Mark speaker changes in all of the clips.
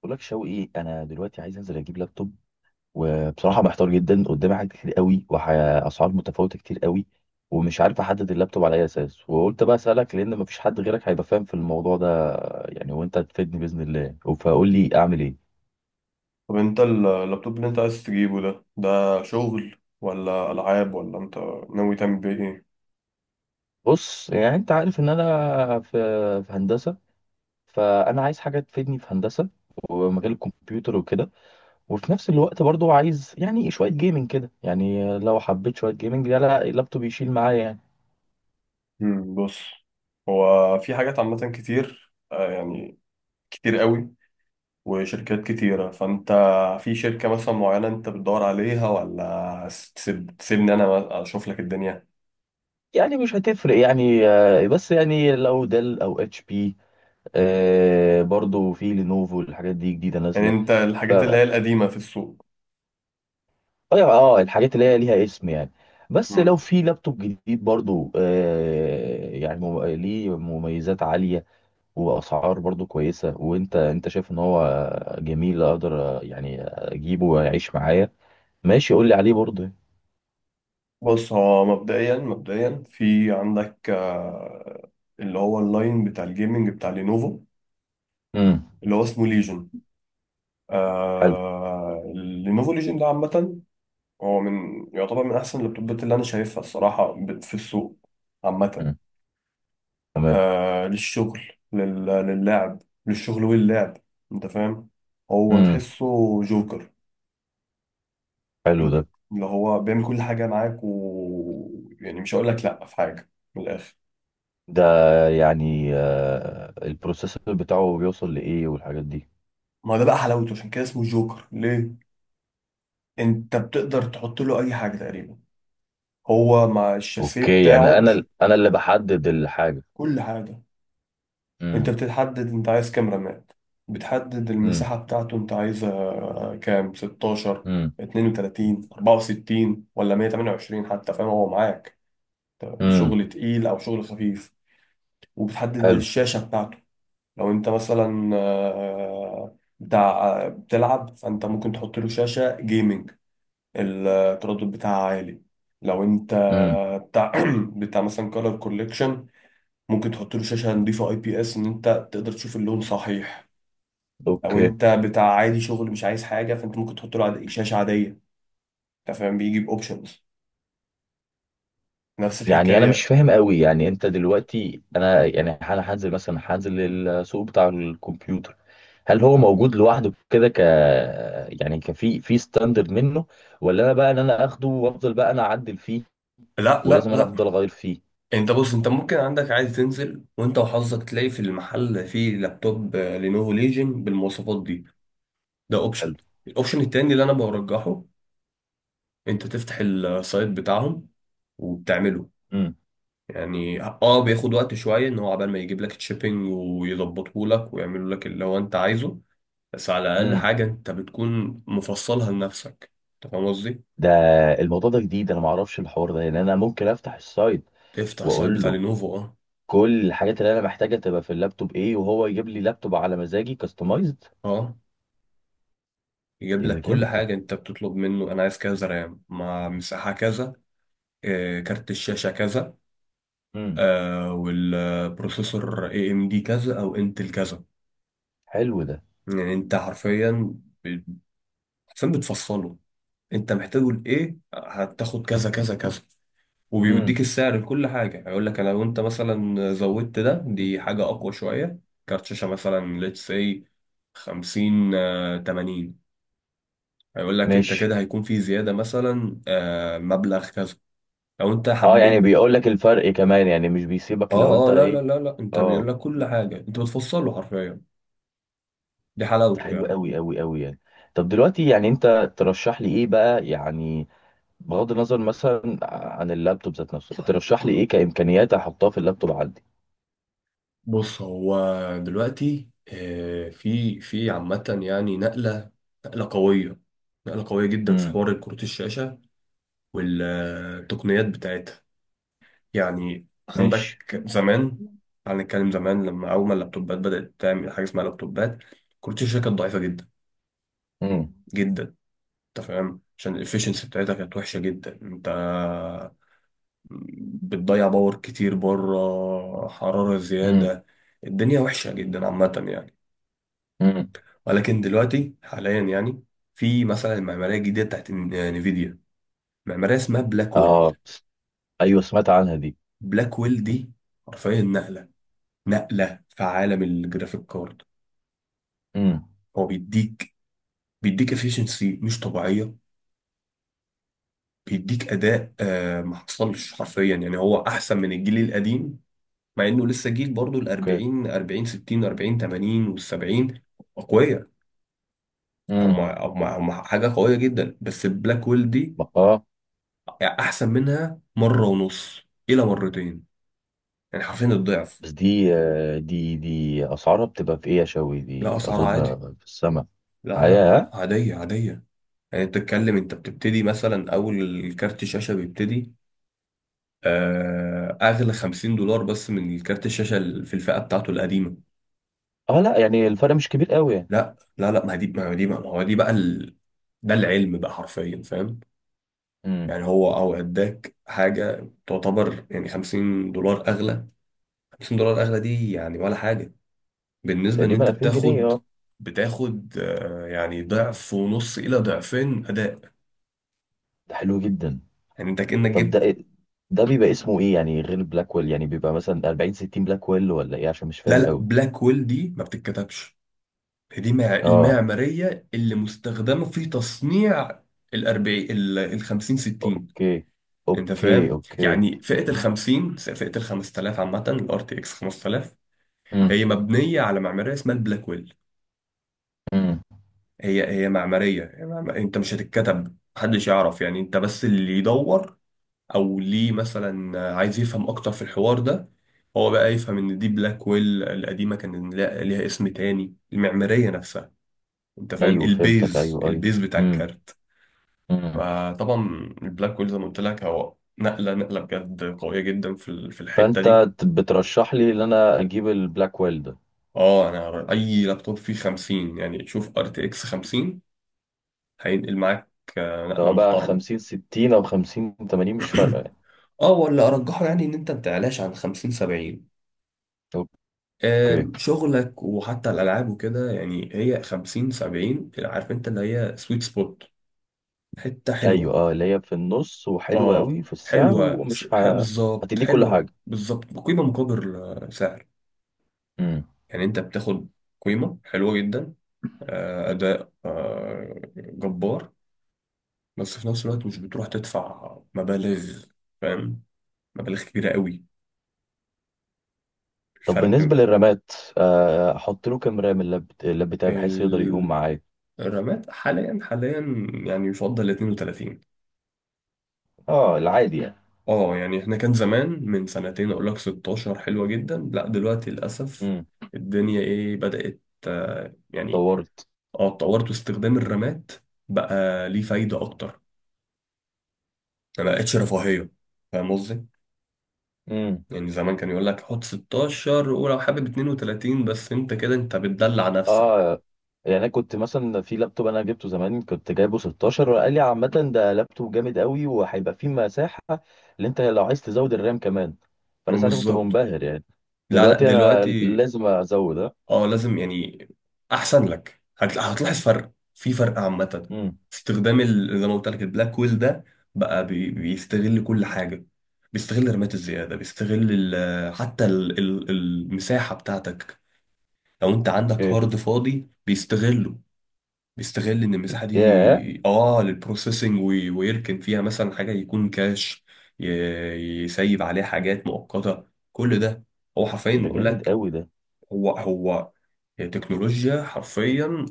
Speaker 1: بقول لك شوقي، انا دلوقتي عايز انزل اجيب لابتوب. وبصراحه محتار جدا، قدامي حاجات كتير قوي واسعار متفاوته كتير قوي. ومش عارف احدد اللابتوب على اي اساس، وقلت بقى اسالك لان مفيش حد غيرك هيبقى فاهم في الموضوع ده يعني. وانت تفيدني باذن الله، فقول لي اعمل ايه.
Speaker 2: طب انت اللابتوب اللي انت عايز تجيبه ده شغل ولا العاب ولا انت ناوي تعمل بيه ايه؟
Speaker 1: بص، يعني انت عارف ان انا في هندسه، فانا عايز حاجه تفيدني في هندسه ومجال الكمبيوتر وكده. وفي نفس الوقت برضو عايز يعني شويه جيمنج كده. يعني لو حبيت شويه جيمنج، لا لا، اللابتوب يشيل معايا يعني.
Speaker 2: بص، هو في حاجات عامه كتير يعني كتير قوي وشركات كتيره، فانت في شركه مثلا معينه انت بتدور عليها ولا تسيبني انا اشوف لك الدنيا؟
Speaker 1: يعني مش هتفرق يعني، بس يعني لو ديل او اتش بي. برضو في لينوفو، الحاجات دي جديده
Speaker 2: يعني
Speaker 1: نازله.
Speaker 2: انت
Speaker 1: ف
Speaker 2: الحاجات اللي
Speaker 1: اه
Speaker 2: هي القديمه في السوق.
Speaker 1: الحاجات اللي هي ليها اسم يعني. بس
Speaker 2: مم.
Speaker 1: لو في لابتوب جديد برضو، يعني ليه مميزات عاليه واسعار برضو كويسه. وانت، انت شايف ان هو جميل، اقدر يعني اجيبه ويعيش معايا؟ ماشي، قول لي عليه برضو.
Speaker 2: بص، هو مبدئيا مبدئيا في عندك اللي هو اللاين بتاع الجيمنج بتاع لينوفو،
Speaker 1: امم.
Speaker 2: اللي هو اسمه ليجن.
Speaker 1: حلو.
Speaker 2: آه، لينوفو ليجن ده عامة هو من يعتبر من أحسن اللابتوبات اللي أنا شايفها الصراحة في السوق عامة.
Speaker 1: مم. تمام.
Speaker 2: آه، للشغل، للعب، للشغل واللعب، أنت فاهم. هو
Speaker 1: امم.
Speaker 2: تحسه جوكر،
Speaker 1: حلو ده.
Speaker 2: اللي هو بيعمل كل حاجة معاك، و، يعني مش هقول لك لأ في حاجة، من الآخر.
Speaker 1: ده يعني البروسيسور بتاعه بيوصل لإيه والحاجات دي؟
Speaker 2: ما ده بقى حلاوته، عشان كده اسمه جوكر. ليه؟ أنت بتقدر تحط له أي حاجة تقريبا، هو مع الشاسيه
Speaker 1: اوكي، يعني
Speaker 2: بتاعه
Speaker 1: انا انا اللي بحدد الحاجة.
Speaker 2: كل حاجة. انت
Speaker 1: امم.
Speaker 2: بتتحدد انت عايز كام رماد، بتحدد
Speaker 1: امم.
Speaker 2: المساحة بتاعته انت عايزها كام، 16،
Speaker 1: امم.
Speaker 2: 32، 64، ولا 128 حتى، فاهم؟ هو معاك
Speaker 1: امم.
Speaker 2: شغل تقيل او شغل خفيف. وبتحدد
Speaker 1: حلو.
Speaker 2: الشاشة بتاعته، لو انت مثلا بتاع بتلعب فانت ممكن تحط له شاشة جيمنج التردد بتاعها عالي. لو انت
Speaker 1: امم.
Speaker 2: بتاع بتاع مثلا كولر كوليكشن، ممكن تحط له شاشة نضيفة اي بي اس ان انت تقدر تشوف اللون صحيح. لو
Speaker 1: اوكي،
Speaker 2: انت بتاع عادي شغل مش عايز حاجه فانت ممكن تحط له شاشه عاديه، انت فاهم، بيجي باوبشنز، نفس
Speaker 1: يعني انا مش
Speaker 2: الحكايه.
Speaker 1: فاهم قوي. يعني انت دلوقتي، انا يعني انا هنزل مثلا، هنزل السوق بتاع الكمبيوتر. هل هو موجود لوحده كده، يعني كفي في ستاندرد منه؟ ولا انا بقى ان انا اخده وافضل بقى انا اعدل فيه؟
Speaker 2: لا لا
Speaker 1: ولازم انا
Speaker 2: لا،
Speaker 1: افضل اغير فيه؟
Speaker 2: انت بص، انت ممكن عندك عادي تنزل وانت وحظك تلاقي في المحل فيه لابتوب لينوفو ليجن بالمواصفات دي، ده اوبشن.
Speaker 1: حلو.
Speaker 2: الاوبشن التاني اللي انا برجحه، انت تفتح السايت بتاعهم وبتعمله، يعني اه بياخد وقت شويه ان هو عبال ما يجيب لك الشيبنج ويظبطه لك ويعملوا لك اللي هو انت عايزه، بس على الاقل
Speaker 1: امم.
Speaker 2: حاجه انت بتكون مفصلها لنفسك، انت فاهم قصدي.
Speaker 1: ده. الموضوع ده جديد، انا ما اعرفش الحوار ده. يعني انا ممكن افتح السايت
Speaker 2: تفتح سايت
Speaker 1: واقول
Speaker 2: بتاع
Speaker 1: له
Speaker 2: لينوفو، اه،
Speaker 1: كل الحاجات اللي انا محتاجها تبقى في اللابتوب ايه، وهو يجيب لي لابتوب على مزاجي كاستمايزد؟
Speaker 2: اه، يجيب
Speaker 1: ايه ده،
Speaker 2: لك كل
Speaker 1: جامد ده.
Speaker 2: حاجه انت بتطلب منه. انا عايز كذا رام مع مساحه كذا، كارت الشاشه كذا،
Speaker 1: امم.
Speaker 2: والبروسيسور اي ام دي كذا او انتل كذا.
Speaker 1: حلو ده.
Speaker 2: يعني انت حرفيا، ب- حرفيا بتفصله، انت محتاجه لايه، هتاخد كذا كذا كذا، وبيوديك
Speaker 1: امم.
Speaker 2: السعر لكل حاجة. هيقول لك لو انت مثلا زودت ده دي حاجة أقوى شوية، كارت شاشة مثلا let's say 50 80، هيقول لك انت
Speaker 1: ماشي.
Speaker 2: كده هيكون في زيادة مثلا مبلغ كذا لو انت
Speaker 1: اه، يعني
Speaker 2: حبيت.
Speaker 1: بيقول لك الفرق كمان، يعني مش بيسيبك لو
Speaker 2: اه
Speaker 1: انت
Speaker 2: اه، لا لا
Speaker 1: ايه.
Speaker 2: لا لا، انت بيقول
Speaker 1: اه.
Speaker 2: لك كل حاجة انت بتفصله حرفيا، دي
Speaker 1: ده
Speaker 2: حلاوته
Speaker 1: حلو
Speaker 2: يعني.
Speaker 1: قوي قوي قوي يعني. طب دلوقتي، يعني انت ترشح لي ايه بقى يعني؟ بغض النظر مثلا عن اللابتوب ذات نفسه، ترشح لي ايه كامكانيات احطها في اللابتوب عندي؟
Speaker 2: بص، هو دلوقتي في عامة يعني نقلة، نقلة قوية، نقلة قوية جدا في
Speaker 1: امم.
Speaker 2: حوار كروت الشاشة والتقنيات بتاعتها. يعني
Speaker 1: ماشي.
Speaker 2: عندك زمان، تعال نتكلم زمان لما أول ما اللابتوبات بدأت تعمل حاجة اسمها لابتوبات، كنت الشركة كانت ضعيفة جدا
Speaker 1: امم.
Speaker 2: جدا، أنت فاهم، عشان الإفشنسي بتاعتها كانت وحشة جدا، أنت بتضيع باور كتير بره، حرارة
Speaker 1: امم.
Speaker 2: زيادة، الدنيا وحشة جدا عامة يعني.
Speaker 1: امم.
Speaker 2: ولكن دلوقتي حاليا يعني في مثلا المعمارية الجديدة بتاعت نفيديا، معمارية اسمها بلاكويل.
Speaker 1: اه، ايوه، سمعت عنها دي.
Speaker 2: بلاكويل دي حرفيا نقلة، نقلة في عالم الجرافيك كارد.
Speaker 1: امم.
Speaker 2: هو بيديك، بيديك افيشنسي مش طبيعيه، بيديك اداء آه ما حصلش حرفيا، يعني هو احسن من الجيل القديم مع انه لسه جيل برضه، ال
Speaker 1: اوكي.
Speaker 2: 40، 40، 60، 40، 80، وال 70 قويه، هم
Speaker 1: امم.
Speaker 2: هم هم حاجه قويه جدا، بس البلاك ويل دي
Speaker 1: اه.
Speaker 2: احسن منها مره ونص الى مرتين، يعني حرفيا الضعف.
Speaker 1: بس دي دي اسعارها بتبقى في ايه يا شوي؟
Speaker 2: لا،
Speaker 1: دي
Speaker 2: اسعار
Speaker 1: اظن
Speaker 2: عادي،
Speaker 1: في السماء.
Speaker 2: لا لا،
Speaker 1: عيا، ها؟
Speaker 2: عاديه عاديه. يعني انت بتتكلم، انت بتبتدي مثلا اول كارت شاشه بيبتدي اغلى 50 دولار بس من كارت الشاشه في الفئه بتاعته القديمه.
Speaker 1: اه، لا يعني الفرق مش كبير قوي يعني.
Speaker 2: لا لا لا، ما هو دي بقى ده العلم بقى حرفيا، فاهم.
Speaker 1: امم.
Speaker 2: يعني هو او اداك حاجه تعتبر يعني 50 دولار اغلى، 50 دولار اغلى دي يعني ولا حاجه بالنسبه ان
Speaker 1: تقريبا
Speaker 2: انت
Speaker 1: 2000 جنيه،
Speaker 2: بتاخد،
Speaker 1: اه.
Speaker 2: بتاخد يعني ضعف ونص الى ضعفين اداء،
Speaker 1: ده حلو جدا.
Speaker 2: يعني انت كانك
Speaker 1: طب ده
Speaker 2: جبت.
Speaker 1: ده بيبقى اسمه ايه يعني غير بلاك ويل؟ يعني بيبقى مثلا 40 60 بلاك ويل ولا ايه؟ عشان مش
Speaker 2: لا
Speaker 1: فاهم
Speaker 2: لا،
Speaker 1: قوي.
Speaker 2: بلاك ويل دي ما بتتكتبش، دي
Speaker 1: اه.
Speaker 2: المعمارية اللي مستخدمة في تصنيع الأربعين، الخمسين، ستين.
Speaker 1: اوكي.
Speaker 2: أنت
Speaker 1: اوكي.
Speaker 2: فاهم؟
Speaker 1: اوكي.
Speaker 2: يعني فئة
Speaker 1: امم.
Speaker 2: الخمسين، فئة الخمس تلاف عامة، الار تي اكس خمس تلاف، هي مبنية على معمارية اسمها البلاكويل.
Speaker 1: امم.
Speaker 2: هي معمارية، أنت مش هتتكتب، محدش يعرف، يعني أنت بس اللي يدور أو ليه مثلا عايز يفهم أكتر في الحوار ده، هو بقى يفهم إن دي بلاكويل. القديمة كان ليها اسم تاني المعمارية نفسها، أنت فاهم؟
Speaker 1: ايوه، فهمتك،
Speaker 2: البيز،
Speaker 1: ايوه، ايوه.
Speaker 2: البيز بتاع
Speaker 1: امم.
Speaker 2: الكارت.
Speaker 1: امم.
Speaker 2: فطبعا البلاك هول زي ما قلت لك هو نقله، نقله بجد قويه جدا في في الحته
Speaker 1: فانت
Speaker 2: دي.
Speaker 1: بترشح لي ان انا اجيب البلاك ويل ده؟
Speaker 2: اه، انا اي لابتوب فيه 50 يعني، تشوف ار تي اكس 50، هينقل معاك نقله
Speaker 1: سواء بقى
Speaker 2: محترمه.
Speaker 1: 50 60 او 50 80، مش فارقه يعني.
Speaker 2: اه، ولا ارجحه يعني ان انت ما تعلاش عن 50 70،
Speaker 1: اوكي.
Speaker 2: شغلك وحتى الالعاب وكده، يعني هي 50 70 عارف انت اللي هي سويت سبوت، حته
Speaker 1: ايوه،
Speaker 2: حلوه.
Speaker 1: اه، اللي هي في النص وحلوه
Speaker 2: اه،
Speaker 1: قوي في السعر
Speaker 2: حلوه
Speaker 1: ومش
Speaker 2: بالظبط،
Speaker 1: هتدي كل
Speaker 2: حلوه
Speaker 1: حاجه.
Speaker 2: بالظبط، قيمه مقابل سعر.
Speaker 1: امم.
Speaker 2: يعني انت بتاخد قيمة حلوة جدا، أداء جبار، بس في نفس الوقت مش بتروح تدفع مبالغ، فاهم، مبالغ كبيرة قوي
Speaker 1: طب بالنسبه
Speaker 2: الفرق.
Speaker 1: للرامات، احط له كام رام اللاب بتاعي بحيث يقدر يقوم
Speaker 2: ال-
Speaker 1: معايا؟
Speaker 2: الرامات حاليا حاليا يعني يفضل 32.
Speaker 1: اه، العادي يعني.
Speaker 2: اه يعني احنا كان زمان من سنتين اقول لك 16 حلوة جدا، لا دلوقتي للأسف
Speaker 1: امم.
Speaker 2: الدنيا ايه، بدأت يعني
Speaker 1: طورت.
Speaker 2: اه اتطورت، واستخدام الرامات بقى ليه فايدة أكتر، يعني ما بقتش رفاهية، فاهم قصدي؟ يعني زمان كان يقول لك حط 16، ولو حابب 32 بس انت كده انت بتدلع نفسك.
Speaker 1: اه. يعني انا كنت مثلا في لابتوب انا جبته زمان، كنت جايبه 16 وقال لي عامه ده لابتوب جامد قوي وهيبقى فيه مساحه اللي انت لو عايز تزود الرام كمان.
Speaker 2: ما
Speaker 1: فانا ساعتها كنت
Speaker 2: بالظبط.
Speaker 1: منبهر يعني.
Speaker 2: لا لا،
Speaker 1: دلوقتي انا
Speaker 2: دلوقتي
Speaker 1: لازم ازود، اه.
Speaker 2: اه لازم يعني احسن لك، هتلاحظ فرق في فرق عامة.
Speaker 1: امم.
Speaker 2: استخدام زي ما قلت لك البلاك ويل ده بقى بيستغل كل حاجة، بيستغل رمات الزيادة، بيستغل المساحة بتاعتك، لو انت عندك
Speaker 1: اوكي.
Speaker 2: هارد فاضي بيستغله، بيستغل ان المساحه
Speaker 1: ياه.
Speaker 2: دي اه للبروسيسنج، ويركن فيها مثلا حاجه يكون كاش، ي- يسيب عليها حاجات مؤقته، كل ده، هو حرفيا
Speaker 1: ده
Speaker 2: بقول
Speaker 1: جامد
Speaker 2: لك.
Speaker 1: قوي ده.
Speaker 2: هو هو تكنولوجيا حرفيا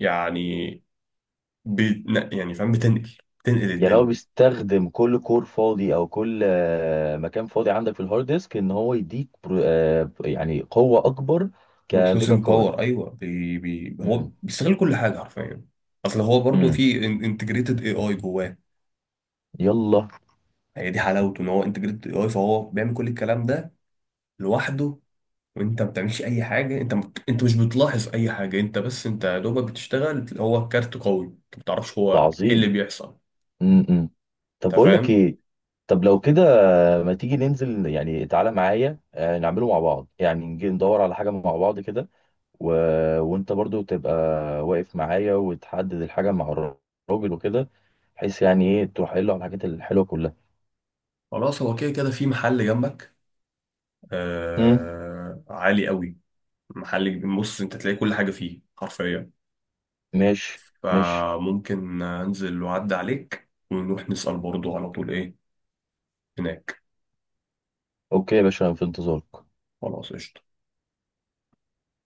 Speaker 2: يعني، يعني فاهم بتنقل، بتنقل
Speaker 1: يعني هو
Speaker 2: الدنيا.
Speaker 1: بيستخدم كل كور فاضي، او كل مكان فاضي عندك في الهارد ديسك، ان هو يديك يعني قوه اكبر كفيجا
Speaker 2: بروسيسنج
Speaker 1: كارد؟
Speaker 2: باور ايوه، بي بي هو
Speaker 1: امم.
Speaker 2: بيستغل كل حاجه حرفيا. اصل هو برضو
Speaker 1: امم.
Speaker 2: في انتجريتد اي اي جواه،
Speaker 1: يلا.
Speaker 2: هي دي حلاوته ان هو انتجريتد اي اي، فهو بيعمل كل الكلام ده لوحده، وانت ما بتعملش اي حاجه، انت انت مش بتلاحظ اي حاجه، انت بس انت يا دوبك بتشتغل، هو الكارت قوي، انت ما بتعرفش
Speaker 1: ده
Speaker 2: هو ايه اللي
Speaker 1: عظيم.
Speaker 2: بيحصل،
Speaker 1: امم. امم. طب
Speaker 2: انت
Speaker 1: بقول لك
Speaker 2: فاهم.
Speaker 1: ايه، طب لو كده، ما تيجي ننزل، يعني تعالى معايا نعمله مع بعض، يعني نجي ندور على حاجة مع بعض كده. و... وانت برضو تبقى واقف معايا وتحدد الحاجة مع الراجل وكده، بحيث يعني ايه تروح قايل له على الحاجات الحلوة كلها.
Speaker 2: خلاص، هو كده كده في محل جنبك،
Speaker 1: امم.
Speaker 2: عالي قوي، محل كبير. بص انت تلاقي كل حاجه فيه حرفيا،
Speaker 1: ماشي. ماشي.
Speaker 2: فممكن انزل واعدي عليك ونروح نسال برضه على طول ايه هناك.
Speaker 1: اوكي يا باشا، أنا في انتظارك.
Speaker 2: خلاص قشطه.